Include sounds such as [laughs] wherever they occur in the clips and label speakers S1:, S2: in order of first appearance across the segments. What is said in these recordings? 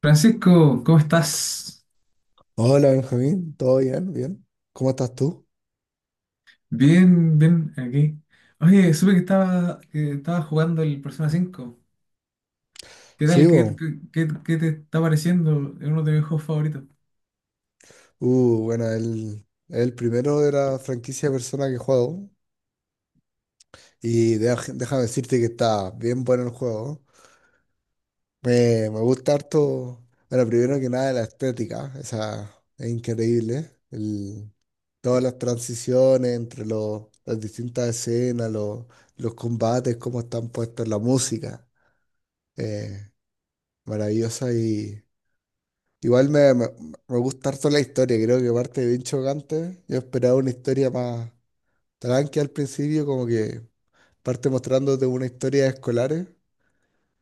S1: Francisco, ¿cómo estás?
S2: Hola Benjamín, ¿todo bien? ¿Bien? ¿Cómo estás tú?
S1: Bien, bien, aquí. Oye, supe que estaba jugando el Persona 5. ¿Qué tal?
S2: Sí,
S1: ¿Qué,
S2: bo.
S1: qué, qué- qué te está pareciendo? Es uno de mis juegos favoritos.
S2: Bueno, el primero de la franquicia de Persona que juego. Y déjame decirte que está bien bueno el juego. Me gusta harto. Bueno, primero que nada la estética, esa es increíble. Todas las transiciones entre las distintas escenas, los combates, cómo están puestos, la música. eh, Maravillosa. Igual me gusta harto la historia, creo que parte bien chocante. Yo esperaba una historia más tranqui al principio, como que parte mostrándote una historia de escolares,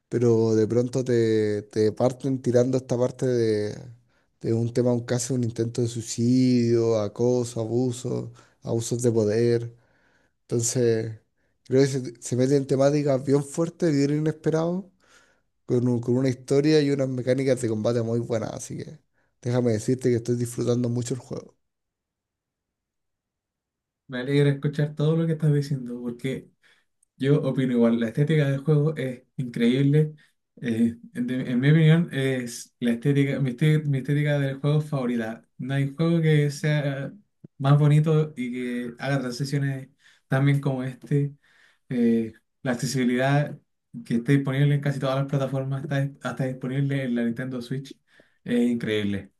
S2: pero de pronto te parten tirando esta parte de un tema, un caso, un intento de suicidio, acoso, abuso, abusos de poder. Entonces, creo que se mete en temáticas bien fuertes, bien inesperados, con una historia y unas mecánicas de combate muy buenas, así que déjame decirte que estoy disfrutando mucho el juego.
S1: Me alegra escuchar todo lo que estás diciendo, porque yo opino igual. La estética del juego es increíble. En mi opinión, es la estética, mi estética del juego favorita. No hay juego que sea más bonito y que haga transiciones tan bien como este. Eh, la accesibilidad que está disponible en casi todas las plataformas está disponible en la Nintendo Switch. Es increíble.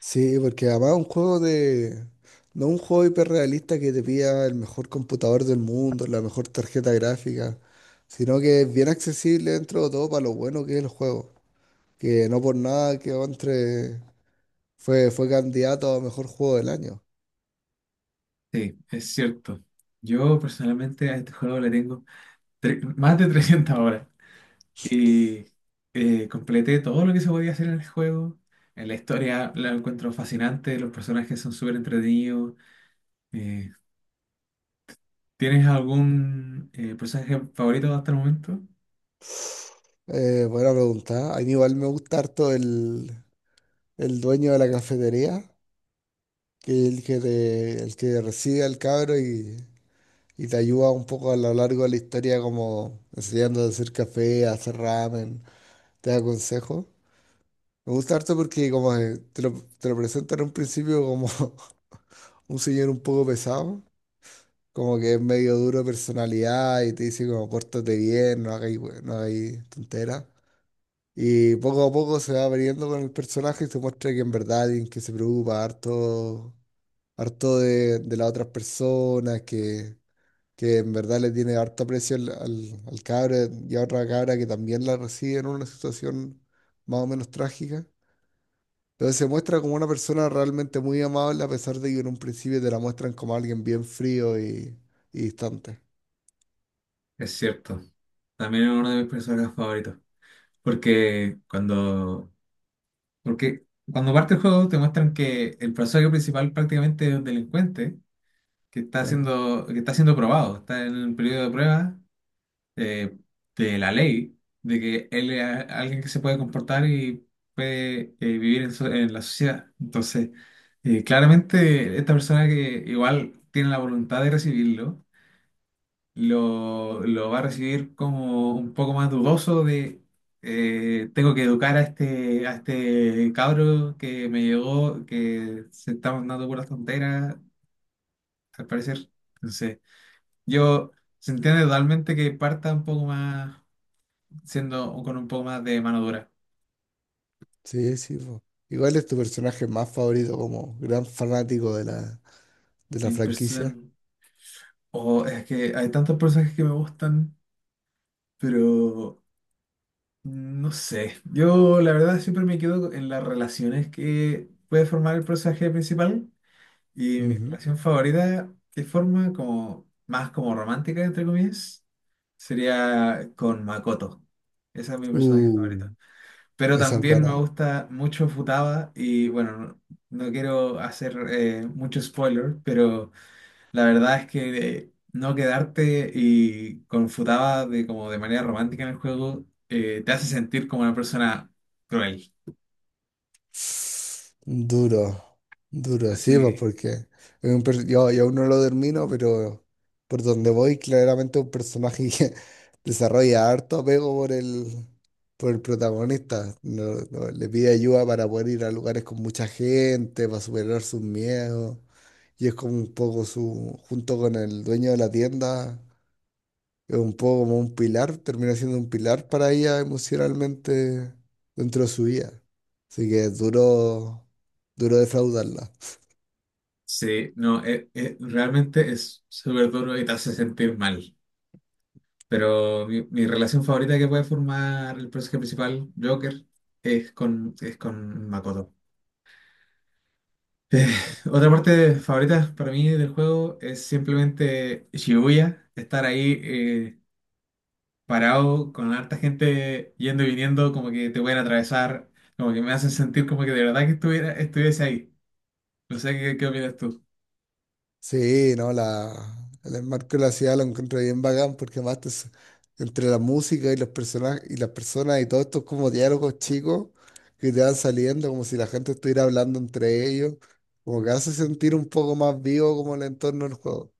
S2: Sí, porque además es un juego de... No un juego hiperrealista que te pida el mejor computador del mundo, la mejor tarjeta gráfica, sino que es bien accesible dentro de todo para lo bueno que es el juego, que no por nada quedó entre... fue candidato a mejor juego del año.
S1: Sí, es cierto. Yo personalmente a este juego le tengo más de [laughs] 300 horas y completé todo lo que se podía hacer en el juego. En la historia la encuentro fascinante, los personajes son súper entretenidos. Eh, ¿Tienes algún personaje favorito hasta el momento?
S2: Buena pregunta. A mí igual me gusta harto el dueño de la cafetería, que el que recibe al cabro y te ayuda un poco a lo largo de la historia, como enseñando a hacer café, a hacer ramen, te da consejos. Me gusta harto porque como que te lo presentan en un principio como [laughs] un señor un poco pesado, como que es medio duro de personalidad y te dice como pórtate bien, no hagáis, no hagáis tonteras. Y poco a poco se va abriendo con el personaje y se muestra que en verdad alguien que se preocupa harto harto de las otras personas, que en verdad le tiene harto aprecio al cabra y a otra cabra que también la recibe en una situación más o menos trágica. Entonces se muestra como una persona realmente muy amable a pesar de que en un principio te la muestran como alguien bien frío y distante.
S1: Es cierto, también es uno de mis personajes favoritos. Porque cuando Porque cuando parte el juego te muestran que el personaje principal prácticamente es un delincuente que está
S2: Claro.
S1: siendo, que está siendo probado, está en el periodo de prueba eh, de la ley, de que él es alguien que se puede comportar y puede vivir en la sociedad. Entonces, claramente esta persona que igual tiene la voluntad de recibirlo, lo va a recibir como un poco más dudoso de tengo que educar a este cabro que me llegó, que se está mandando puras tonteras, al parecer. Entonces, yo se entiende totalmente que parta un poco más, siendo con un poco más de mano dura.
S2: Sí, sí. po. Igual es tu personaje más favorito como gran fanático de de
S1: Mi
S2: la franquicia.
S1: person- o es que hay tantos personajes que me gustan, pero no sé. Yo la verdad siempre me quedo en las relaciones que puede formar el personaje principal. Y mi
S2: Ujú.
S1: relación favorita, de forma como más como romántica, entre comillas, sería con Makoto. Esa es mi personaje
S2: Uh,
S1: favorita. Pero
S2: esa es
S1: también me
S2: buena.
S1: gusta mucho Futaba y bueno, no, no quiero hacer mucho spoiler, pero la verdad es que no quedarte y con Futaba como de manera romántica en el juego te hace sentir como una persona cruel.
S2: Duro, duro, sí,
S1: Así
S2: pues
S1: que
S2: porque es yo aún no lo termino, pero por donde voy, claramente un personaje que [laughs] desarrolla harto apego por por el protagonista. No- no, Le pide ayuda para poder ir a lugares con mucha gente, para superar sus miedos. Y es como un poco su, junto con el dueño de la tienda es un poco como un pilar, termina siendo un pilar para ella emocionalmente dentro de su vida. Así que es duro, duro defraudarla.
S1: sí, no, realmente es súper duro y te hace sentir mal. Pero mi relación favorita que puede formar el personaje principal, Joker, es con Makoto. Eh, [laughs] Otra parte favorita para mí del juego es simplemente Shibuya, estar ahí parado con harta gente yendo y viniendo, como que te pueden atravesar, como que me hacen sentir como que de verdad que estuviera, estuviese ahí. No sé qué opinas tú.
S2: Sí, no, el enmarco de la ciudad lo encuentro bien bacán porque además entre la música y los personajes y las personas y todos estos como diálogos chicos que te van saliendo como si la gente estuviera hablando entre ellos, como que hace sentir un poco más vivo como el entorno del juego.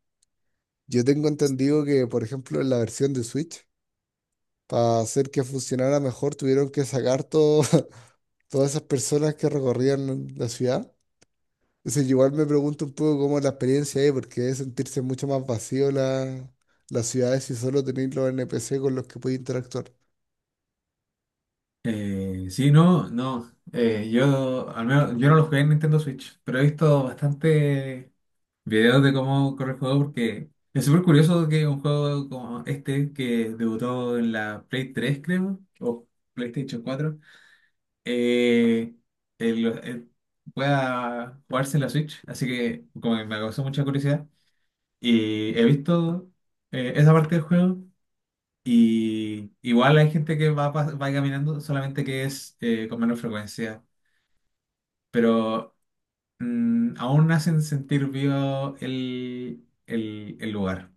S2: Yo tengo entendido que, por ejemplo, en la versión de Switch, para hacer que funcionara mejor, tuvieron que sacar [laughs] todas esas personas que recorrían la ciudad. Entonces, igual me pregunto un poco cómo es la experiencia ahí, porque debe sentirse mucho más vacío las ciudades si solo tenéis los NPC con los que podéis interactuar.
S1: Sí, no, no. Yo, al menos, yo no lo jugué en Nintendo Switch, pero he visto bastante videos de cómo corre el juego porque es súper curioso que un juego como este que debutó en la Play 3 creo, o PlayStation 4, eh, el- eh, pueda jugarse en la Switch. Así que como que me causó mucha curiosidad. Y he visto esa parte del juego. Y igual hay gente que va caminando, solamente que es con menos frecuencia. Pero aún hacen sentir vivo el lugar.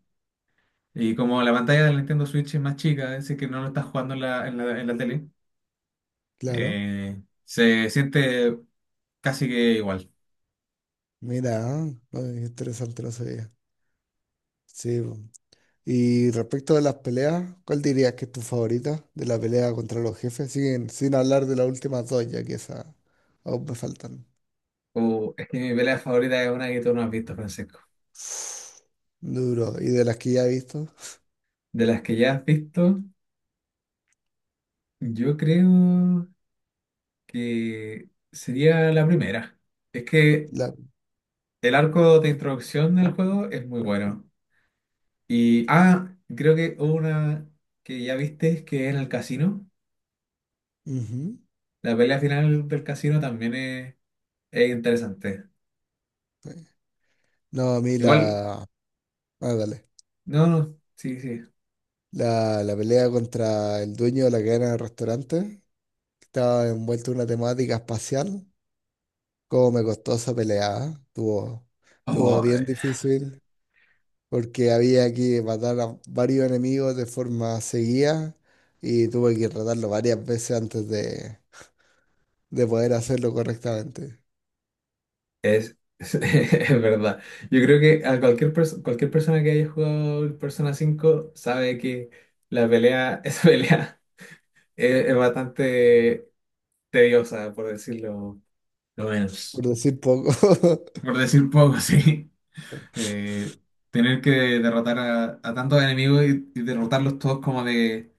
S1: Y como la pantalla del Nintendo Switch es más chica, es decir, que no lo estás jugando en la tele,
S2: Claro.
S1: se siente casi que igual.
S2: Mira, ah, ay, interesante, no sabía. Sí. po. Y respecto de las peleas, ¿cuál dirías que es tu favorita de la pelea contra los jefes? Sin, sin hablar de las últimas dos, ya que esas aún me faltan.
S1: Es que mi pelea favorita es una que tú no has visto, Francisco.
S2: [sighs] Duro. ¿Y de las que ya he visto?
S1: De las que ya has visto, yo creo que sería la primera. Es que
S2: La,
S1: el arco de introducción del juego es muy bueno. Y creo que una que ya viste, que es en el casino.
S2: ujú.
S1: La pelea final del casino también es interesante.
S2: Sí. No, a mí
S1: Igual
S2: la. Ah, dale.
S1: no, no, sí, sí.
S2: La pelea contra el dueño de la cadena de restaurantes, que estaba envuelto en una temática espacial. Cómo me costó esa pelea, ¿eh? Estuvo, estuvo
S1: Oh,
S2: bien difícil porque había que matar a varios enemigos de forma seguida y tuve que tratarlo varias veces antes de poder hacerlo correctamente.
S1: [laughs] Es verdad. Yo creo que a cualquier persona que haya jugado el Persona 5 sabe que la pelea, [laughs] esa pelea es bastante tediosa, por decirlo lo menos.
S2: Por decir poco.
S1: Por decir poco, [laughs] sí. Eh, Tener que derrotar a tantos enemigos y derrotarlos todos como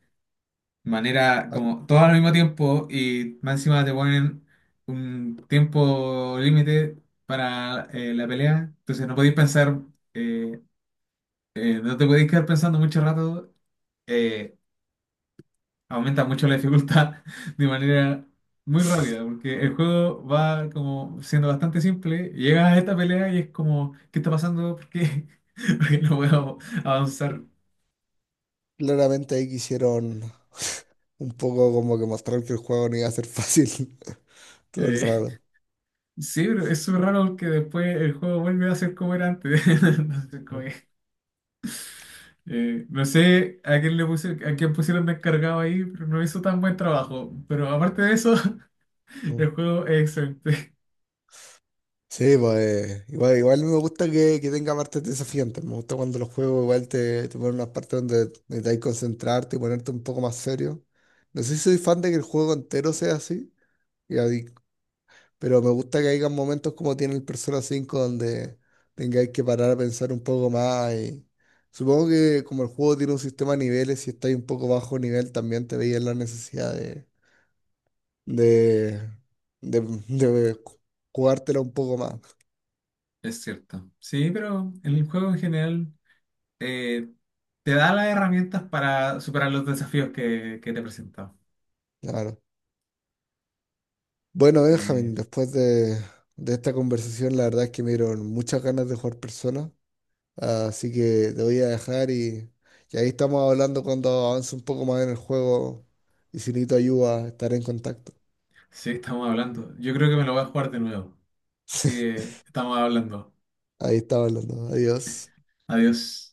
S1: manera
S2: [laughs]
S1: como todo al mismo tiempo y más encima te ponen un tiempo límite para la pelea, entonces no podéis pensar, eh, no te podéis quedar pensando mucho rato, eh, aumenta mucho la dificultad [laughs] de manera muy rápida, porque el juego va como siendo bastante simple, y llegas a esta pelea y es como, ¿qué está pasando? ¿Por qué? [laughs] Porque no puedo avanzar.
S2: Claramente ahí quisieron [laughs] un poco como que mostrar que el juego no iba a ser fácil [laughs] todo el
S1: Eh,
S2: rato.
S1: Sí, pero es súper raro porque después el juego vuelve a ser como era antes. [laughs] Entonces, como que, no sé a quién le puse, a quién pusieron de encargado ahí, pero no hizo tan buen trabajo. Pero aparte de eso, [laughs]
S2: Mm.
S1: el juego es excelente.
S2: Sí, pues igual, igual me gusta que tenga partes desafiantes. Me gusta cuando los juegos igual te ponen unas partes donde necesitas concentrarte y ponerte un poco más serio. No sé si soy fan de que el juego entero sea así y, pero me gusta que haya momentos como tiene el Persona 5 donde tengáis que parar a pensar un poco más y supongo que como el juego tiene un sistema de niveles, si estáis un poco bajo nivel también te veías la necesidad de, de, de ju- jugártela un poco más.
S1: Es cierto. Sí, pero el juego en general eh, te da las herramientas para superar los desafíos que te he presentado.
S2: Claro. Bueno,
S1: Eh,
S2: Benjamín, después de esta conversación, la verdad es que me dieron muchas ganas de jugar Persona. Así que te voy a dejar y ahí estamos hablando cuando avance un poco más en el juego. Y si necesito ayuda, estaré en contacto.
S1: sí, estamos hablando. Yo creo que me lo voy a jugar de nuevo. Así
S2: [laughs]
S1: que estamos hablando.
S2: Ahí estaba hablando. Adiós.
S1: Adiós.